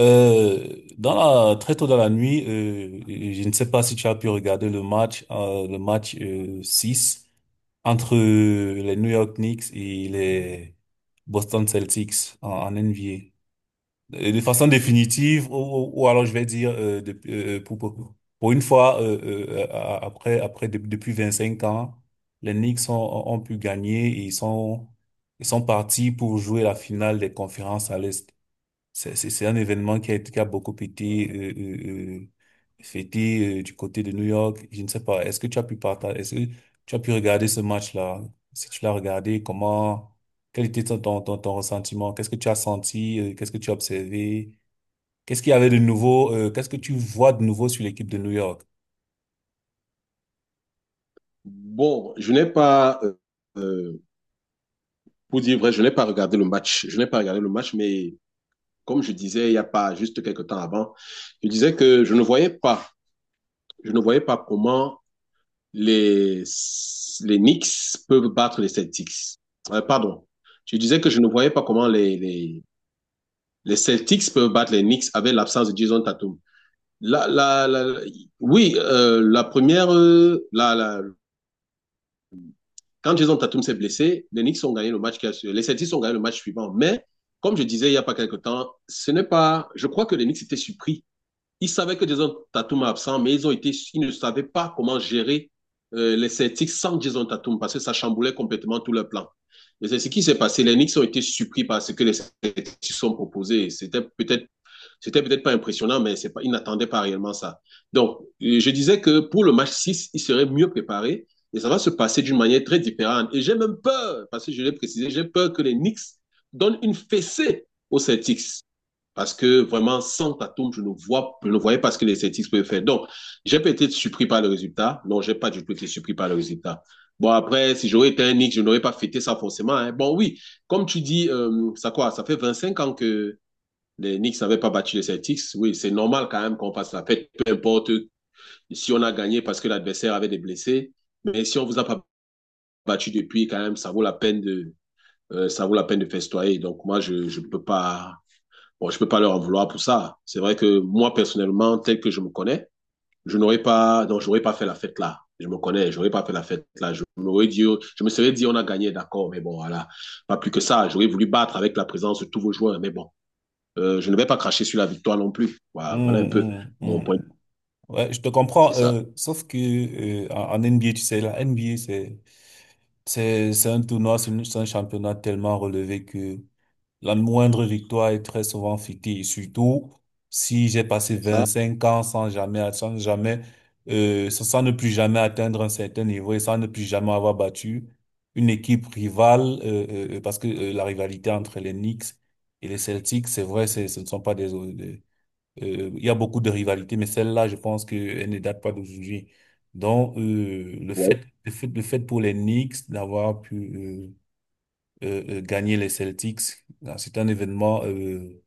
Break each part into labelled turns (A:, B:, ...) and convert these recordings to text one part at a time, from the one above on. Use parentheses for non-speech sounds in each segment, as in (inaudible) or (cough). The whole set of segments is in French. A: Euh, dans très tôt dans la nuit, je ne sais pas si tu as pu regarder le match 6 entre les New York Knicks et les Boston Celtics en NBA. De façon définitive, ou alors je vais dire pour une fois, depuis 25 ans, les Knicks ont pu gagner et ils sont partis pour jouer la finale des conférences à l'Est. C'est un événement qui a beaucoup été fêté du côté de New York. Je ne sais pas. Est-ce que tu as pu regarder ce match-là? Si tu l'as regardé, quel était ton ressentiment? Qu'est-ce que tu as senti? Qu'est-ce que tu as observé? Qu'est-ce qu'il y avait de nouveau? Qu'est-ce que tu vois de nouveau sur l'équipe de New York?
B: Bon, je n'ai pas, euh, pour dire vrai, je n'ai pas regardé le match. Je n'ai pas regardé le match, mais comme je disais il n'y a pas juste quelques temps avant, je disais que je ne voyais pas, je ne voyais pas comment les, les Knicks peuvent battre les Celtics. Pardon, je disais que je ne voyais pas comment les Celtics peuvent battre les Knicks avec l'absence de Jason Tatum. La, la, la, oui, la première, quand Jason Tatum s'est blessé, les Knicks ont gagné le match, les Celtics ont gagné le match suivant. Mais comme je disais il n'y a pas quelque temps, ce n'est pas. Je crois que les Knicks étaient surpris. Ils savaient que Jason Tatum est absent, mais ils ont été, ils ne savaient pas comment gérer les Celtics sans Jason Tatum parce que ça chamboulait complètement tout leur plan. Et c'est ce qui s'est passé. Les Knicks ont été surpris par ce que les Celtics ont proposé. C'était peut-être pas impressionnant, mais c'est pas, il n'attendait pas réellement ça. Donc, je disais que pour le match 6 il serait mieux préparé et ça va se passer d'une manière très différente. Et j'ai même peur, parce que je l'ai précisé, j'ai peur que les Knicks donnent une fessée aux Celtics. Parce que vraiment, sans Tatum, je ne vois, je ne voyais pas ce que les Celtics pouvaient faire. Donc, j'ai peut-être été surpris par le résultat. Non, j'ai pas du tout été surpris par le résultat. Bon, après, si j'aurais été un Knicks, je n'aurais pas fêté ça forcément. Hein. Bon, oui, comme tu dis, ça quoi, ça fait 25 ans que les Knicks n'avaient pas battu les Celtics. Oui, c'est normal quand même qu'on fasse la fête, peu importe si on a gagné parce que l'adversaire avait des blessés. Mais si on ne vous a pas battu depuis, quand même, ça vaut la peine de, ça vaut la peine de festoyer. Donc moi, je ne peux pas, bon, je ne peux pas leur en vouloir pour ça. C'est vrai que moi personnellement, tel que je me connais, je n'aurais pas, donc j'aurais pas fait la fête là. Je me connais, j'aurais pas fait la fête là. Je me serais dit, on a gagné, d'accord, mais bon, voilà, pas plus que ça. J'aurais voulu battre avec la présence de tous vos joueurs, mais bon, je ne vais pas cracher sur la victoire non plus. Voilà, voilà
A: Hum,
B: un peu
A: hum,
B: mon point.
A: hum. Ouais, je te
B: C'est
A: comprends.
B: ça.
A: Sauf que en NBA, tu sais, la NBA, c'est un tournoi, c'est un championnat tellement relevé que la moindre victoire est très souvent fictive, surtout si j'ai passé
B: Ah,
A: 25 ans sans ne plus jamais atteindre un certain niveau et sans ne plus jamais avoir battu une équipe rivale, parce que la rivalité entre les Knicks et les Celtics, c'est vrai, ce ne sont pas des, des- il y a beaucoup de rivalités, mais celle-là, je pense qu'elle ne date pas d'aujourd'hui. Donc,
B: ouais,
A: le fait pour les Knicks d'avoir pu, gagner les Celtics. Ah, c'est un événement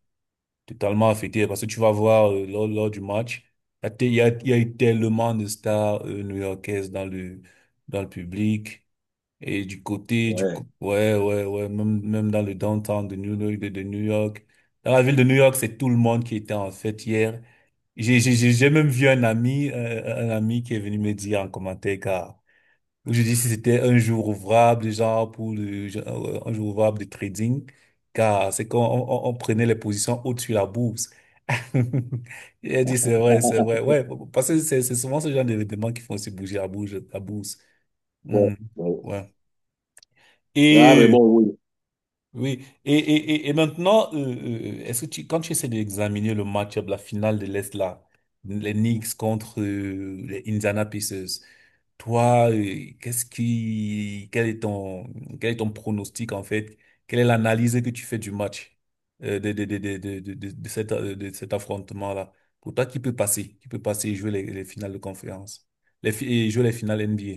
A: totalement affecté parce que tu vas voir lors du match, il y a, te- il y a eu tellement de stars new-yorkaises dans le public. Et du côté, du
B: ouais,
A: co- Ouais, ouais, ouais. Même, même dans le downtown de New York, de New York. Dans la ville de New York, c'est tout le monde qui était en fête hier. J'ai même vu un ami, qui est venu me dire en commentaire, car je dis si c'était un jour ouvrable, genre, un jour ouvrable de trading, car c'est quand on prenait les positions au-dessus de la bourse. (laughs) Il a dit c'est vrai, c'est vrai. Ouais, parce que c'est souvent ce genre d'événements qui font aussi bouger la bourse. La bourse.
B: ouais,
A: Mhm.
B: ouais.
A: Ouais.
B: Ah, mais
A: Et
B: bon, oui.
A: oui, et maintenant, quand tu essaies d'examiner le match-up, la finale de l'Est, là, les Knicks contre les Indiana Pacers, toi, quel est ton pronostic en fait? Quelle est l'analyse que tu fais du match de cet affrontement-là? Pour toi, qui peut passer? Qui peut passer et jouer les finales de conférence? Et jouer les finales NBA?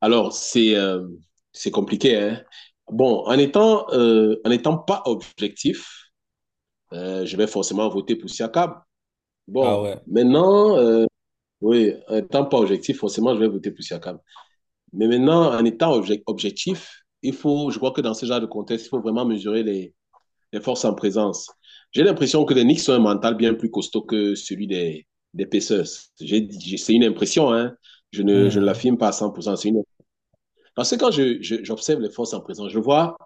B: Alors, c'est compliqué. Hein? Bon, en étant pas objectif, je vais forcément voter pour Siakam. Bon,
A: Ah,
B: maintenant, oui, en étant pas objectif, forcément, je vais voter pour Siakam. Mais maintenant, en étant objectif, il faut, je crois que dans ce genre de contexte, il faut vraiment mesurer les forces en présence. J'ai l'impression que les Knicks ont un mental bien plus costaud que celui des Pacers. C'est une impression, hein. Je ne
A: ouais.
B: l'affirme pas à 100%. C'est une... Parce que j'observe les forces en présence, je vois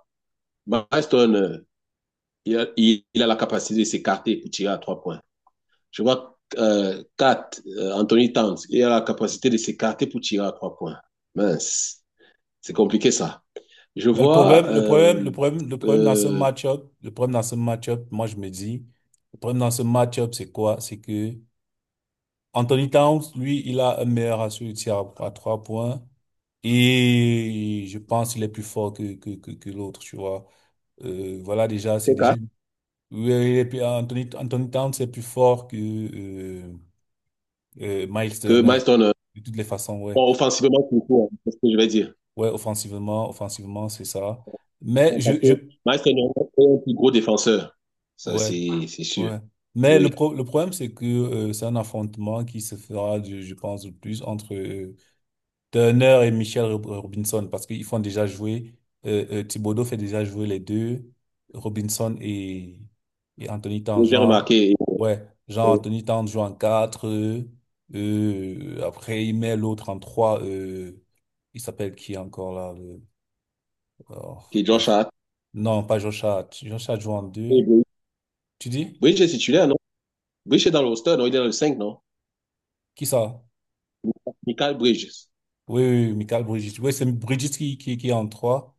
B: Marston, il a la capacité de s'écarter pour tirer à 3 points. Je vois Kat, Anthony Towns, il a la capacité de s'écarter pour tirer à trois points. Mince, c'est compliqué ça. Je
A: Mais
B: vois
A: le problème dans ce
B: euh,
A: match-up, moi je me dis, le problème dans ce match-up, c'est quoi? C'est que Anthony Towns, lui, il a un meilleur ratio de tir à trois points et je pense qu'il est plus fort que l'autre, tu vois. Voilà, déjà, c'est déjà. Oui, et puis Anthony Towns, c'est plus fort que Miles
B: que
A: Turner,
B: Marston, euh.
A: de toutes les façons, ouais.
B: Bon, offensivement, c'est tout, hein, c'est ce que je vais dire.
A: Ouais, offensivement, c'est ça. Mais
B: Bon,
A: je,
B: parce que
A: je,
B: Maestro Niang est un plus gros défenseur. Ça,
A: ouais.
B: c'est sûr.
A: Ouais. Mais
B: Oui.
A: le problème, c'est que c'est un affrontement qui se fera, je pense, le plus entre Turner et Michel Robinson, parce qu'ils font déjà jouer, Thibodeau fait déjà jouer les deux, Robinson et Anthony Tan.
B: Oui, j'ai remarqué
A: Ouais, Jean
B: euh,
A: Anthony Tan joue en 4 après il met l'autre en 3 il s'appelle qui encore là oh,
B: que Josh
A: bref.
B: Hart.
A: Non, pas Josh Hart. Josh Hart joue en
B: Et
A: deux.
B: Bridge.
A: Tu dis?
B: Bridge est titulaire, non? Bridge est dans le roster, non? Il est dans le 5, non?
A: Qui ça?
B: Michael Bridges.
A: Oui, oui, oui, Michael Brigitte. Oui, c'est Brigitte qui est en trois.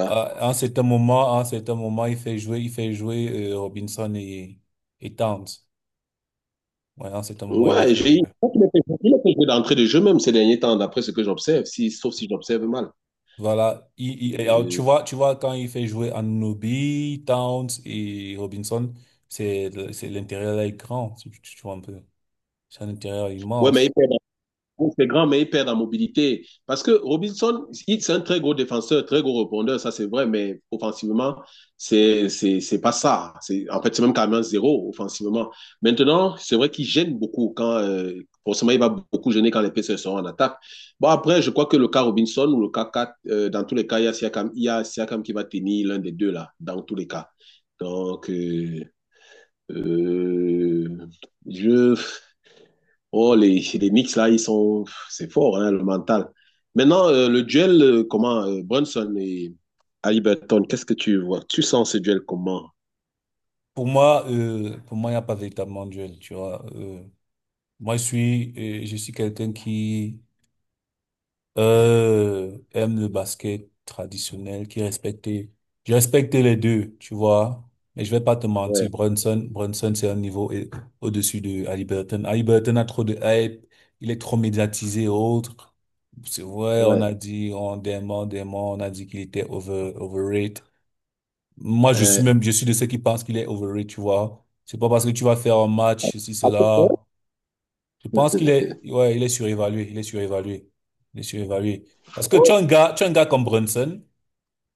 A: À un certain moment, il fait jouer, Robinson et Towns. Ouais, à un certain moment, il les
B: Ouais,
A: fait
B: je
A: jouer.
B: crois qu'il a fait il a fait jouer d'entrée de jeu même ces derniers temps, d'après ce que j'observe, si, sauf si j'observe mal.
A: Voilà. Et alors, tu
B: Euh,
A: vois, quand il fait jouer Anunoby, Towns et Robinson, c'est l'intérieur là est grand. Tu vois un peu. C'est un intérieur
B: ouais, mais
A: immense.
B: donc, c'est grand, mais il perd en mobilité. Parce que Robinson, c'est un très gros défenseur, très gros rebondeur, ça c'est vrai, mais offensivement, c'est pas ça. C'est, en fait, c'est même carrément zéro offensivement. Maintenant, c'est vrai qu'il gêne beaucoup quand, forcément, il va beaucoup gêner quand les PCS seront en attaque. Bon, après, je crois que le cas Robinson ou le cas 4, dans tous les cas, il y a Siakam, il y a Siakam qui va tenir l'un des deux là, dans tous les cas. Donc, euh, je. Oh, les Knicks, là, ils sont. C'est fort, hein, le mental. Maintenant, le duel, comment Brunson et Haliburton, qu'est-ce que tu vois? Tu sens ce duel comment?
A: Pour moi, il n'y a pas véritablement de duel, tu vois. Moi, je suis, quelqu'un qui, aime le basket traditionnel, qui respectait. Je respectais les deux, tu vois. Mais je vais pas te mentir,
B: Ouais,
A: Brunson, c'est un niveau au-dessus de Ali Burton. Ali Burton a trop de hype, il est trop médiatisé et autres. C'est vrai, on
B: ouais.
A: a dit, dément, on a dit qu'il était overrated. Moi,
B: Euh,
A: je suis de ceux qui pensent qu'il est overrated, tu vois. C'est pas parce que tu vas faire un match, ceci,
B: à ce point,
A: cela. Je pense qu'il est, ouais, il est surévalué, il est surévalué, il est surévalué. Parce que
B: ouais,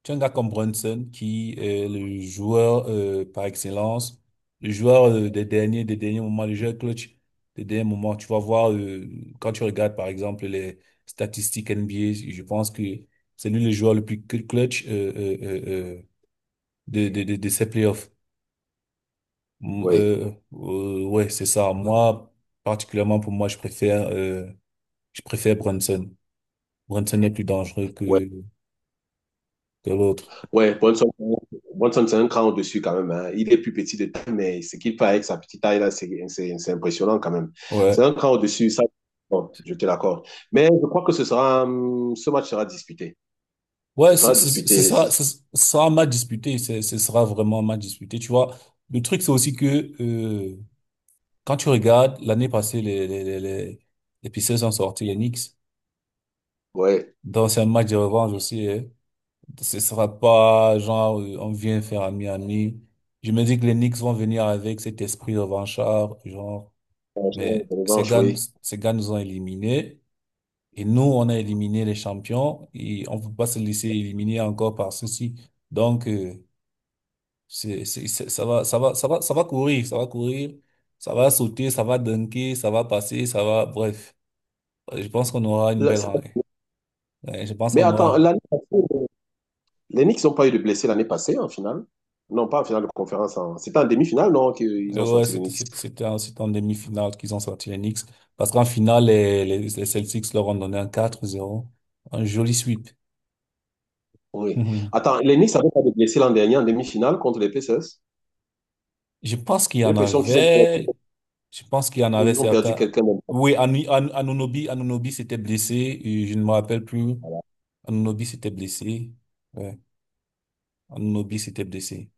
A: tu as un gars comme Brunson qui est le joueur par excellence, le joueur des derniers moments, le joueur clutch des derniers moments. Tu vas voir quand tu regardes par exemple les statistiques NBA, je pense que c'est lui le joueur le plus clutch euh, de ces playoffs. Ouais, c'est ça. Moi, particulièrement pour moi, je préfère Brunson. Brunson est plus dangereux
B: ouais,
A: que l'autre.
B: ouais. Brunson, Brunson, c'est un cran au-dessus quand même. Hein. Il est plus petit de taille, mais ce qu'il fait avec sa petite taille là, c'est impressionnant quand même. C'est
A: Ouais.
B: un cran au-dessus, ça, bon, je te l'accorde. Mais je crois que ce sera, ce match sera disputé.
A: Ouais,
B: Ce
A: ce
B: sera
A: ce- ce
B: disputé. Ce-
A: sera, ce ce sera un match disputé. Ce sera vraiment un match disputé. Tu vois, le truc, c'est aussi que euh, quand tu regardes, l'année passée, les Pacers ont sorti les Knicks.
B: ouais,
A: Donc, c'est un match de revanche aussi, hein. Ce sera pas genre, on vient faire à Miami. Je me dis que les Knicks vont venir avec cet esprit revanchard, genre, mais
B: revanche, oui.
A: ces gars nous ont éliminés. Et nous, on a éliminé les champions et on ne peut pas se laisser éliminer encore par ceci. Donc, ça va, ça va courir, ça va sauter, ça va dunker, ça va passer, ça va, bref. Je pense qu'on aura une
B: Là,
A: belle
B: ça-
A: rangée. Ouais, je pense
B: mais
A: qu'on
B: attends,
A: aura.
B: l'année passée, les Knicks n'ont pas eu de blessés l'année passée en finale. Non, pas en finale de conférence. En- c'était en demi-finale, non, qu'ils ont
A: Ouais,
B: sorti les Knicks.
A: c'était en demi-finale qu'ils ont sorti les Knicks. Parce qu'en finale, les Celtics leur ont donné un 4-0. Un joli sweep.
B: Oui.
A: (laughs)
B: Attends, les Knicks n'avaient pas de blessés l'an dernier en demi-finale contre les Pacers.
A: Je pense qu'il y
B: J'ai
A: en
B: l'impression qu'ils ont perdu,
A: avait. Je pense qu'il y en avait
B: ils ont perdu
A: certains.
B: quelqu'un.
A: Oui, Anunobi, s'était blessé. Et je ne me rappelle plus. Anunobi s'était blessé. Ouais. Anunobi s'était blessé.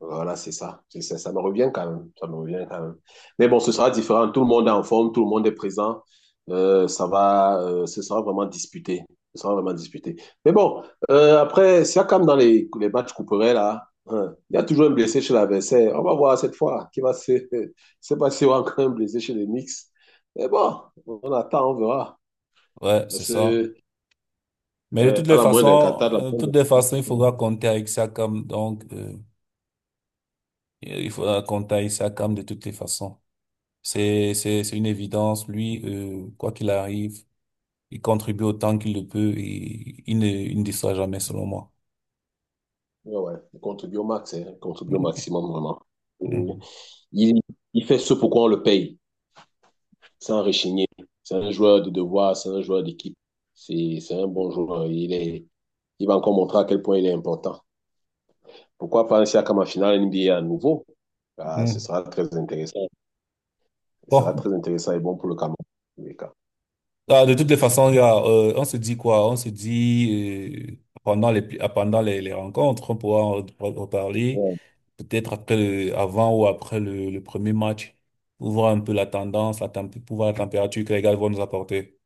B: Voilà, c'est ça. C'est ça. Ça me revient quand même. Ça me revient quand même. Mais bon, ce sera différent. Tout le monde est en forme, tout le monde est présent. Ce sera vraiment disputé. Ce sera vraiment disputé. Mais bon, après, si comme dans les matchs couperets, là, hein, il y a toujours un blessé chez l'adversaire. On va voir cette fois qui va se. (laughs) C'est pas si on a encore un blessé chez les Knicks. Mais bon, on attend, on verra.
A: Ouais, c'est
B: Parce
A: ça.
B: que,
A: Mais de toutes
B: ouais, à
A: les
B: la moindre d'un
A: façons,
B: catat, la moindre,
A: il faudra compter avec Sakam. Donc, il faudra compter avec Sakam de toutes les façons. C'est une évidence. Lui, quoi qu'il arrive, il contribue autant qu'il le peut et il ne déçoit jamais, selon moi.
B: ouais, contribue au max, hein, contribue au maximum, vraiment. Et
A: Mhm.
B: Il, il fait ce pourquoi on le paye. C'est un rechigné. C'est un joueur de devoir, c'est un joueur d'équipe. C'est un bon joueur. Il va encore montrer à quel point il est important. Pourquoi pas un Siakam en finale NBA à nouveau? Ah, ce
A: Mhm.
B: sera très intéressant. Ce sera
A: Bon.
B: très intéressant et bon pour le Cameroun.
A: Ah, de toutes les façons, gars, on se dit quoi? On se dit pendant les rencontres, on pourra en reparler
B: Ouais.
A: peut-être avant ou après le premier match pour voir un peu la tendance, pour voir la température que les gars vont nous apporter.